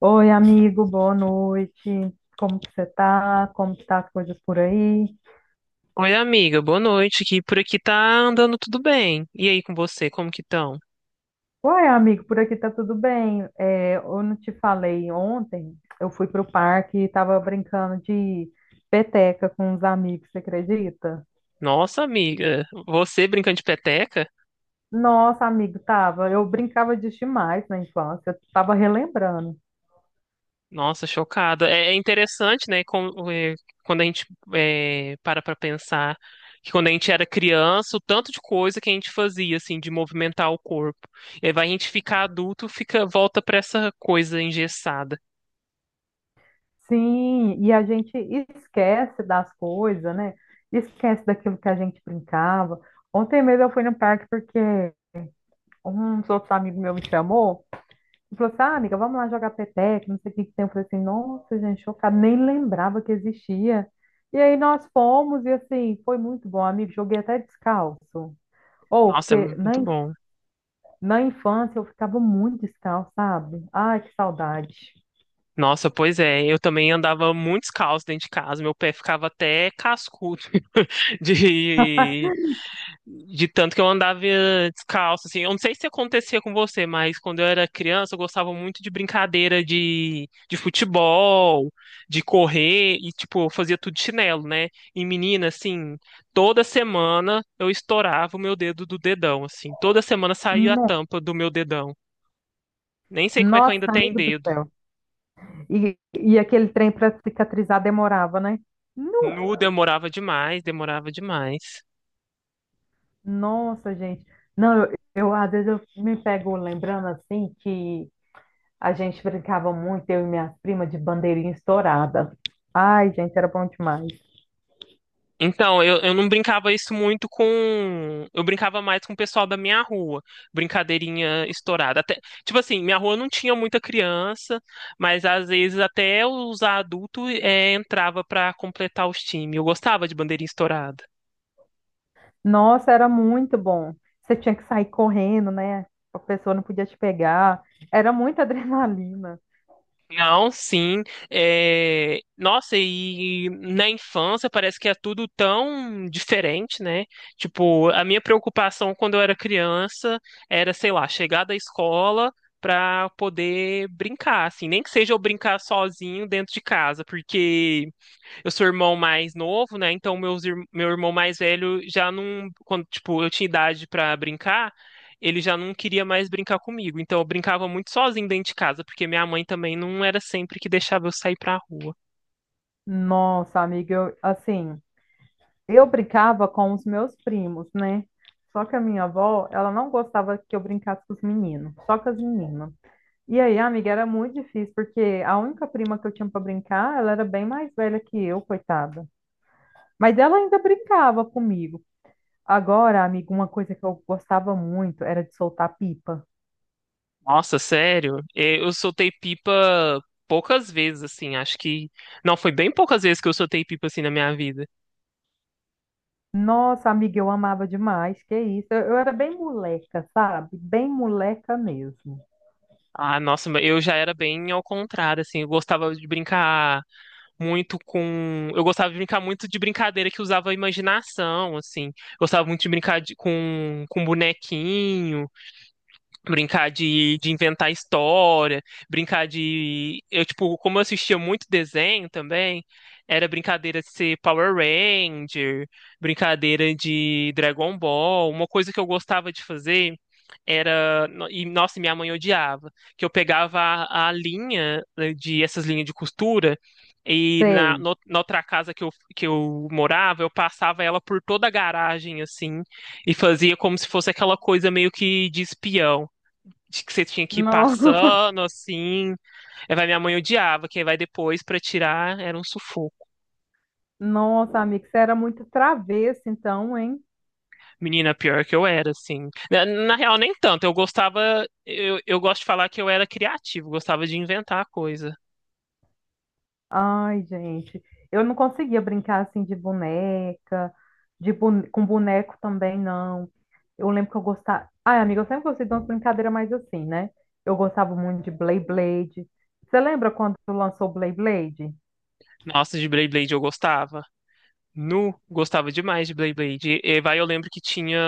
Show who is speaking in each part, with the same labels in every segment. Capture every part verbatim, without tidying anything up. Speaker 1: Oi, amigo, boa noite. Como que você tá? Como que tá as coisas por aí?
Speaker 2: Oi, amiga, boa noite. Que por aqui tá andando tudo bem. E aí com você, como que estão?
Speaker 1: Uai, amigo, por aqui tá tudo bem. É, eu não te falei ontem, eu fui pro parque e tava brincando de peteca com uns amigos, você acredita?
Speaker 2: Nossa, amiga, você brincando de peteca?
Speaker 1: Nossa, amigo, tava. Eu brincava disso demais na infância, eu tava relembrando.
Speaker 2: Nossa, chocada. É é interessante, né? com- é, quando a gente é, para pra pensar que quando a gente era criança, o tanto de coisa que a gente fazia, assim, de movimentar o corpo. E aí vai a gente ficar adulto, fica, volta pra essa coisa engessada.
Speaker 1: Sim, e a gente esquece das coisas, né? Esquece daquilo que a gente brincava. Ontem mesmo eu fui no parque porque uns outros amigos meus me chamou e falou assim, ah, amiga, vamos lá jogar peteca, não sei o que que tem. Eu falei assim, nossa, gente, chocada, nem lembrava que existia. E aí nós fomos e, assim, foi muito bom, amigo, joguei até descalço. Ou,
Speaker 2: Nossa, é
Speaker 1: porque na,
Speaker 2: muito
Speaker 1: inf-
Speaker 2: bom.
Speaker 1: na infância eu ficava muito descalço, sabe? Ai, que saudade.
Speaker 2: Nossa, pois é, eu também andava muito descalço dentro de casa, meu pé ficava até cascudo de, de tanto que eu andava eh, descalço, assim, eu não sei se acontecia com você, mas quando eu era criança eu gostava muito de brincadeira de, de futebol, de correr, e tipo, eu fazia tudo de chinelo, né, e menina, assim, toda semana eu estourava o meu dedo do dedão, assim, toda semana saía a
Speaker 1: No-
Speaker 2: tampa do meu dedão, nem sei como é que eu ainda
Speaker 1: Nossa,
Speaker 2: tenho
Speaker 1: amigo do
Speaker 2: dedo.
Speaker 1: céu. E, e aquele trem para cicatrizar demorava, né? Nu!
Speaker 2: Nu, demorava demais, demorava demais.
Speaker 1: Nossa, gente. Não, eu, eu, às vezes eu me pego lembrando assim que a gente brincava muito, eu e minha prima, de bandeirinha estourada. Ai, gente, era bom demais.
Speaker 2: Então, eu, eu não brincava isso muito com. Eu brincava mais com o pessoal da minha rua. Brincadeirinha estourada. Até, tipo assim, minha rua não tinha muita criança, mas às vezes até os adultos eh, entrava pra completar os times. Eu gostava de bandeirinha estourada.
Speaker 1: Nossa, era muito bom. Você tinha que sair correndo, né? A pessoa não podia te pegar. Era muita adrenalina.
Speaker 2: Não, sim. É, nossa, e na infância parece que é tudo tão diferente, né? Tipo, a minha preocupação quando eu era criança era, sei lá, chegar da escola pra poder brincar, assim, nem que seja eu brincar sozinho dentro de casa, porque eu sou irmão mais novo, né? Então meus, ir- meu irmão mais velho já não, quando tipo eu tinha idade pra brincar, ele já não queria mais brincar comigo. Então eu brincava muito sozinho dentro de casa, porque minha mãe também não era sempre que deixava eu sair pra rua.
Speaker 1: Nossa, amiga, eu, assim, eu brincava com os meus primos, né? Só que a minha avó, ela não gostava que eu brincasse com os meninos, só com as meninas. E aí, amiga, era muito difícil, porque a única prima que eu tinha para brincar, ela era bem mais velha que eu, coitada. Mas ela ainda brincava comigo. Agora, amiga, uma coisa que eu gostava muito era de soltar pipa.
Speaker 2: Nossa, sério? Eh, Eu soltei pipa poucas vezes, assim. Acho que não foi bem poucas vezes que eu soltei pipa assim na minha vida.
Speaker 1: Nossa, amiga, eu amava demais, que isso. Eu, eu era bem moleca, sabe? Bem moleca mesmo.
Speaker 2: Ah, nossa, mas eu já era bem ao contrário, assim. Eu gostava de brincar muito com. Eu gostava de brincar muito de brincadeira que usava a imaginação, assim. Gostava muito de brincar de- com, com bonequinho brincar de, de inventar história, brincar de. Eu, tipo, como eu assistia muito desenho também, era brincadeira de ser Power Ranger, brincadeira de Dragon Ball. Uma coisa que eu gostava de fazer era. no- E, nossa, minha mãe odiava, que eu pegava a, a linha né, de essas linhas de costura. E na,
Speaker 1: Sei.
Speaker 2: no- na outra casa que eu, que eu morava, eu passava ela por toda a garagem, assim, e fazia como se fosse aquela coisa meio que de espião de que você tinha que ir
Speaker 1: No-
Speaker 2: passando assim. Aí vai, minha mãe odiava, quem vai depois pra tirar era um sufoco.
Speaker 1: Nossa, amigo, você era muito travesso, então, hein?
Speaker 2: Menina, pior que eu era, assim. Na, na real, nem tanto. Eu gostava, eu, eu gosto de falar que eu era criativo, gostava de inventar coisa.
Speaker 1: Ai, gente, eu não conseguia brincar assim de boneca, de bone- com boneco também, não. Eu lembro que eu gostava. Ai, amiga, eu sempre gostei de umas brincadeiras mais assim, né? Eu gostava muito de Beyblade. Você lembra quando lançou Beyblade?
Speaker 2: Nossa, de Beyblade eu gostava. Nu, gostava demais de Beyblade. E, e vai, eu lembro que tinha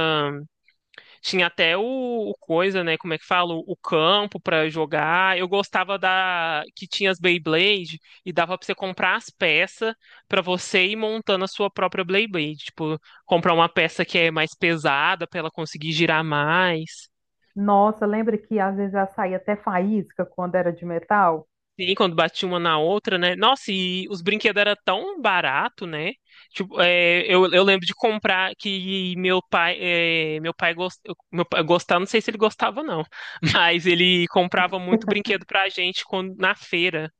Speaker 2: tinha até o, o coisa, né? Como é que fala? O campo pra jogar. Eu gostava da que tinha as Beyblade e dava pra você comprar as peças pra você ir montando a sua própria Beyblade. Tipo, comprar uma peça que é mais pesada pra ela conseguir girar mais.
Speaker 1: Nossa, lembra que às vezes ela saía até faísca quando era de metal?
Speaker 2: Sim, quando batia uma na outra, né? Nossa, e os brinquedos eram tão barato, né? Tipo, é, eu, eu lembro de comprar que meu pai, é, meu pai, gost, meu pai gostava, não sei se ele gostava não, mas ele comprava muito brinquedo pra gente quando, na feira.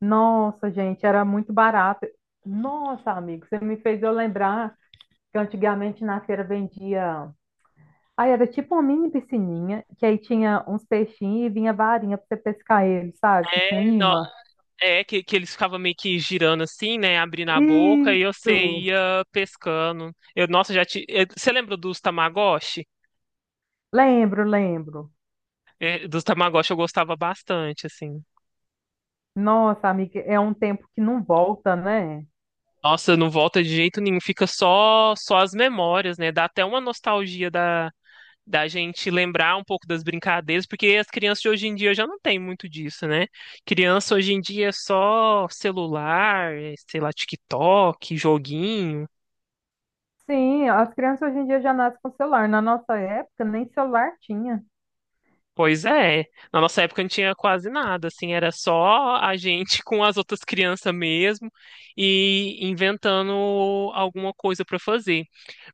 Speaker 1: Nossa, gente, era muito barato. Nossa, amigo, você me fez eu lembrar que antigamente na feira vendia. Aí era tipo uma mini piscininha, que aí tinha uns peixinhos e vinha varinha pra você pescar eles, sabe? Que tinha um
Speaker 2: É, no-
Speaker 1: imã.
Speaker 2: é que, que eles ficavam meio que girando assim, né? Abrindo a boca e você
Speaker 1: Isso!
Speaker 2: ia pescando. Eu, nossa, já te, eu- você lembra dos Tamagotchi?
Speaker 1: Lembro, lembro.
Speaker 2: É, dos Tamagotchi eu gostava bastante, assim.
Speaker 1: Nossa, amiga, é um tempo que não volta, né?
Speaker 2: Nossa, não volta de jeito nenhum, fica só só as memórias, né? Dá até uma nostalgia da, da gente lembrar um pouco das brincadeiras, porque as crianças de hoje em dia já não tem muito disso, né? Criança hoje em dia é só celular, eh, sei lá, TikTok, joguinho.
Speaker 1: Sim, as crianças hoje em dia já nascem com celular. Na nossa época, nem celular tinha.
Speaker 2: Pois é. Na nossa época não tinha quase nada, assim, era só a gente com as outras crianças mesmo e inventando alguma coisa para fazer.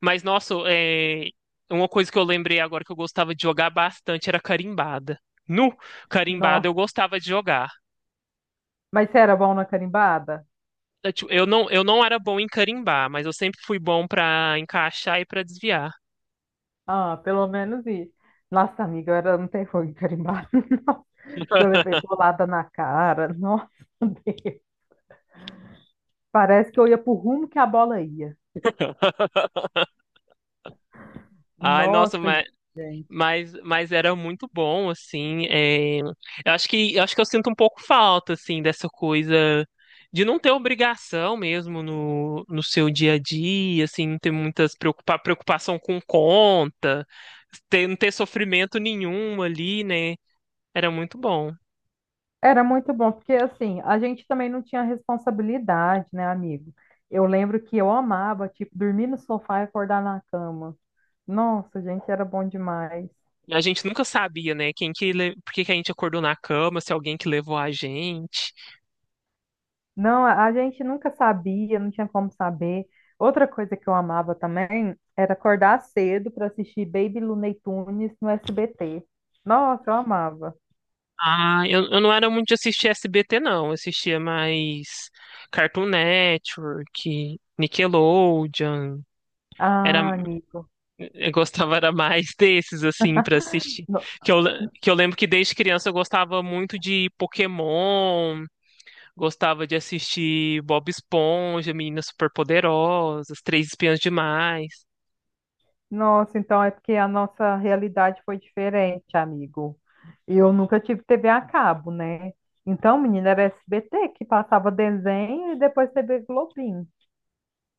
Speaker 2: Mas, nossa, é, uma coisa que eu lembrei agora que eu gostava de jogar bastante era carimbada. No carimbada
Speaker 1: Nossa.
Speaker 2: eu gostava de jogar.
Speaker 1: Mas você era bom na carimbada?
Speaker 2: Eu tipo, eu não, eu não era bom em carimbar, mas eu sempre fui bom para encaixar e para desviar.
Speaker 1: Ah, pelo menos isso. Nossa, amiga, eu era, não tem fogo em carimbada, não. Eu levei bolada na cara. Nossa! Parece que eu ia pro rumo que a bola ia.
Speaker 2: Ai, nossa,
Speaker 1: Nossa, gente.
Speaker 2: Mas, mas era muito bom, assim. é, Eu acho que, eu acho que eu sinto um pouco falta, assim, dessa coisa de não ter obrigação mesmo no, no seu dia a dia, assim, não ter muitas preocupa, preocupação com conta, ter, não ter sofrimento nenhum ali, né? Era muito bom.
Speaker 1: Era muito bom, porque assim, a gente também não tinha responsabilidade, né, amigo? Eu lembro que eu amava, tipo, dormir no sofá e acordar na cama. Nossa, gente, era bom demais.
Speaker 2: A gente nunca sabia, né? Quem que, le- por que que a gente acordou na cama, se alguém que levou a gente.
Speaker 1: Não, a a gente nunca sabia, não tinha como saber. Outra coisa que eu amava também era acordar cedo para assistir Baby Looney Tunes no S B T. Nossa, eu amava.
Speaker 2: Ah, eu, eu não era muito de assistir S B T, não. Eu assistia mais Cartoon Network, Nickelodeon. Era,
Speaker 1: Ah, Nico.
Speaker 2: eu gostava era mais desses, assim, pra assistir. Que eu, le- que eu lembro que desde criança eu gostava muito de Pokémon, gostava de assistir Bob Esponja, Meninas Superpoderosas, Três Espiãs Demais.
Speaker 1: Nossa, então é porque a nossa realidade foi diferente, amigo. Eu nunca tive T V a cabo, né? Então, menina, era S B T que passava desenho e depois T V Globinho.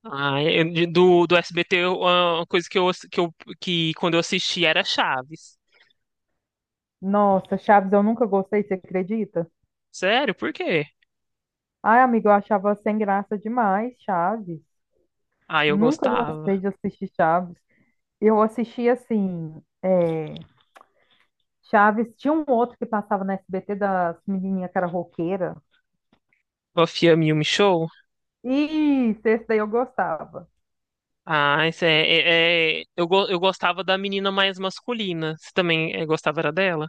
Speaker 2: Ah, eu- de- do, do S B T, eu- uma coisa que eu, ass- que eu, que quando eu assistia era Chaves.
Speaker 1: Nossa, Chaves eu nunca gostei, você acredita?
Speaker 2: Sério, por quê?
Speaker 1: Ai, amigo, eu achava sem graça demais, Chaves.
Speaker 2: Ah, eu
Speaker 1: Nunca
Speaker 2: gostava.
Speaker 1: gostei de assistir Chaves. Eu assistia assim, é, Chaves, tinha um outro que passava na S B T das menininhas que era roqueira.
Speaker 2: Buffy a Yumi Show?
Speaker 1: Isso, esse daí eu gostava.
Speaker 2: Ah, isso é, é- é- eu, go- eu gostava da menina mais masculina. Você também eh, gostava era dela?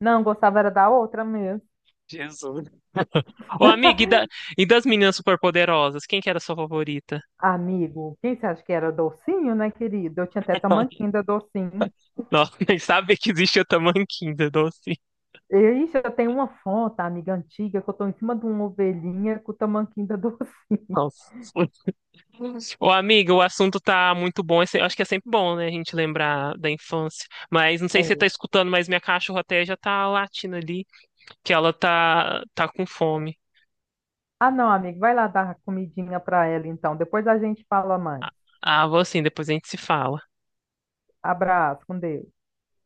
Speaker 1: Não, gostava era da outra mesmo.
Speaker 2: Jesus. Ô, amiga, e, da- e das meninas superpoderosas? Quem que era a sua favorita?
Speaker 1: Amigo, quem você acha que era docinho, né, querido? Eu tinha até tamanquinho da docinho.
Speaker 2: Nossa, nem sabe que existe a Tamanquinha, doce.
Speaker 1: E, Ixi, eu tenho uma foto, amiga antiga, que eu tô em cima de uma ovelhinha com o tamanquinho da docinho.
Speaker 2: Nossa. Ô, amiga, o assunto tá muito bom. Esse- Eu acho que é sempre bom, né, a gente lembrar da infância. Mas não sei se você tá
Speaker 1: É.
Speaker 2: escutando, mas minha cachorra até já tá latindo ali, que ela tá, tá com fome.
Speaker 1: Ah, não, amigo, vai lá dar comidinha pra ela então. Depois a gente fala mais.
Speaker 2: Ah, vou assim, depois a gente se fala.
Speaker 1: Abraço, com Deus.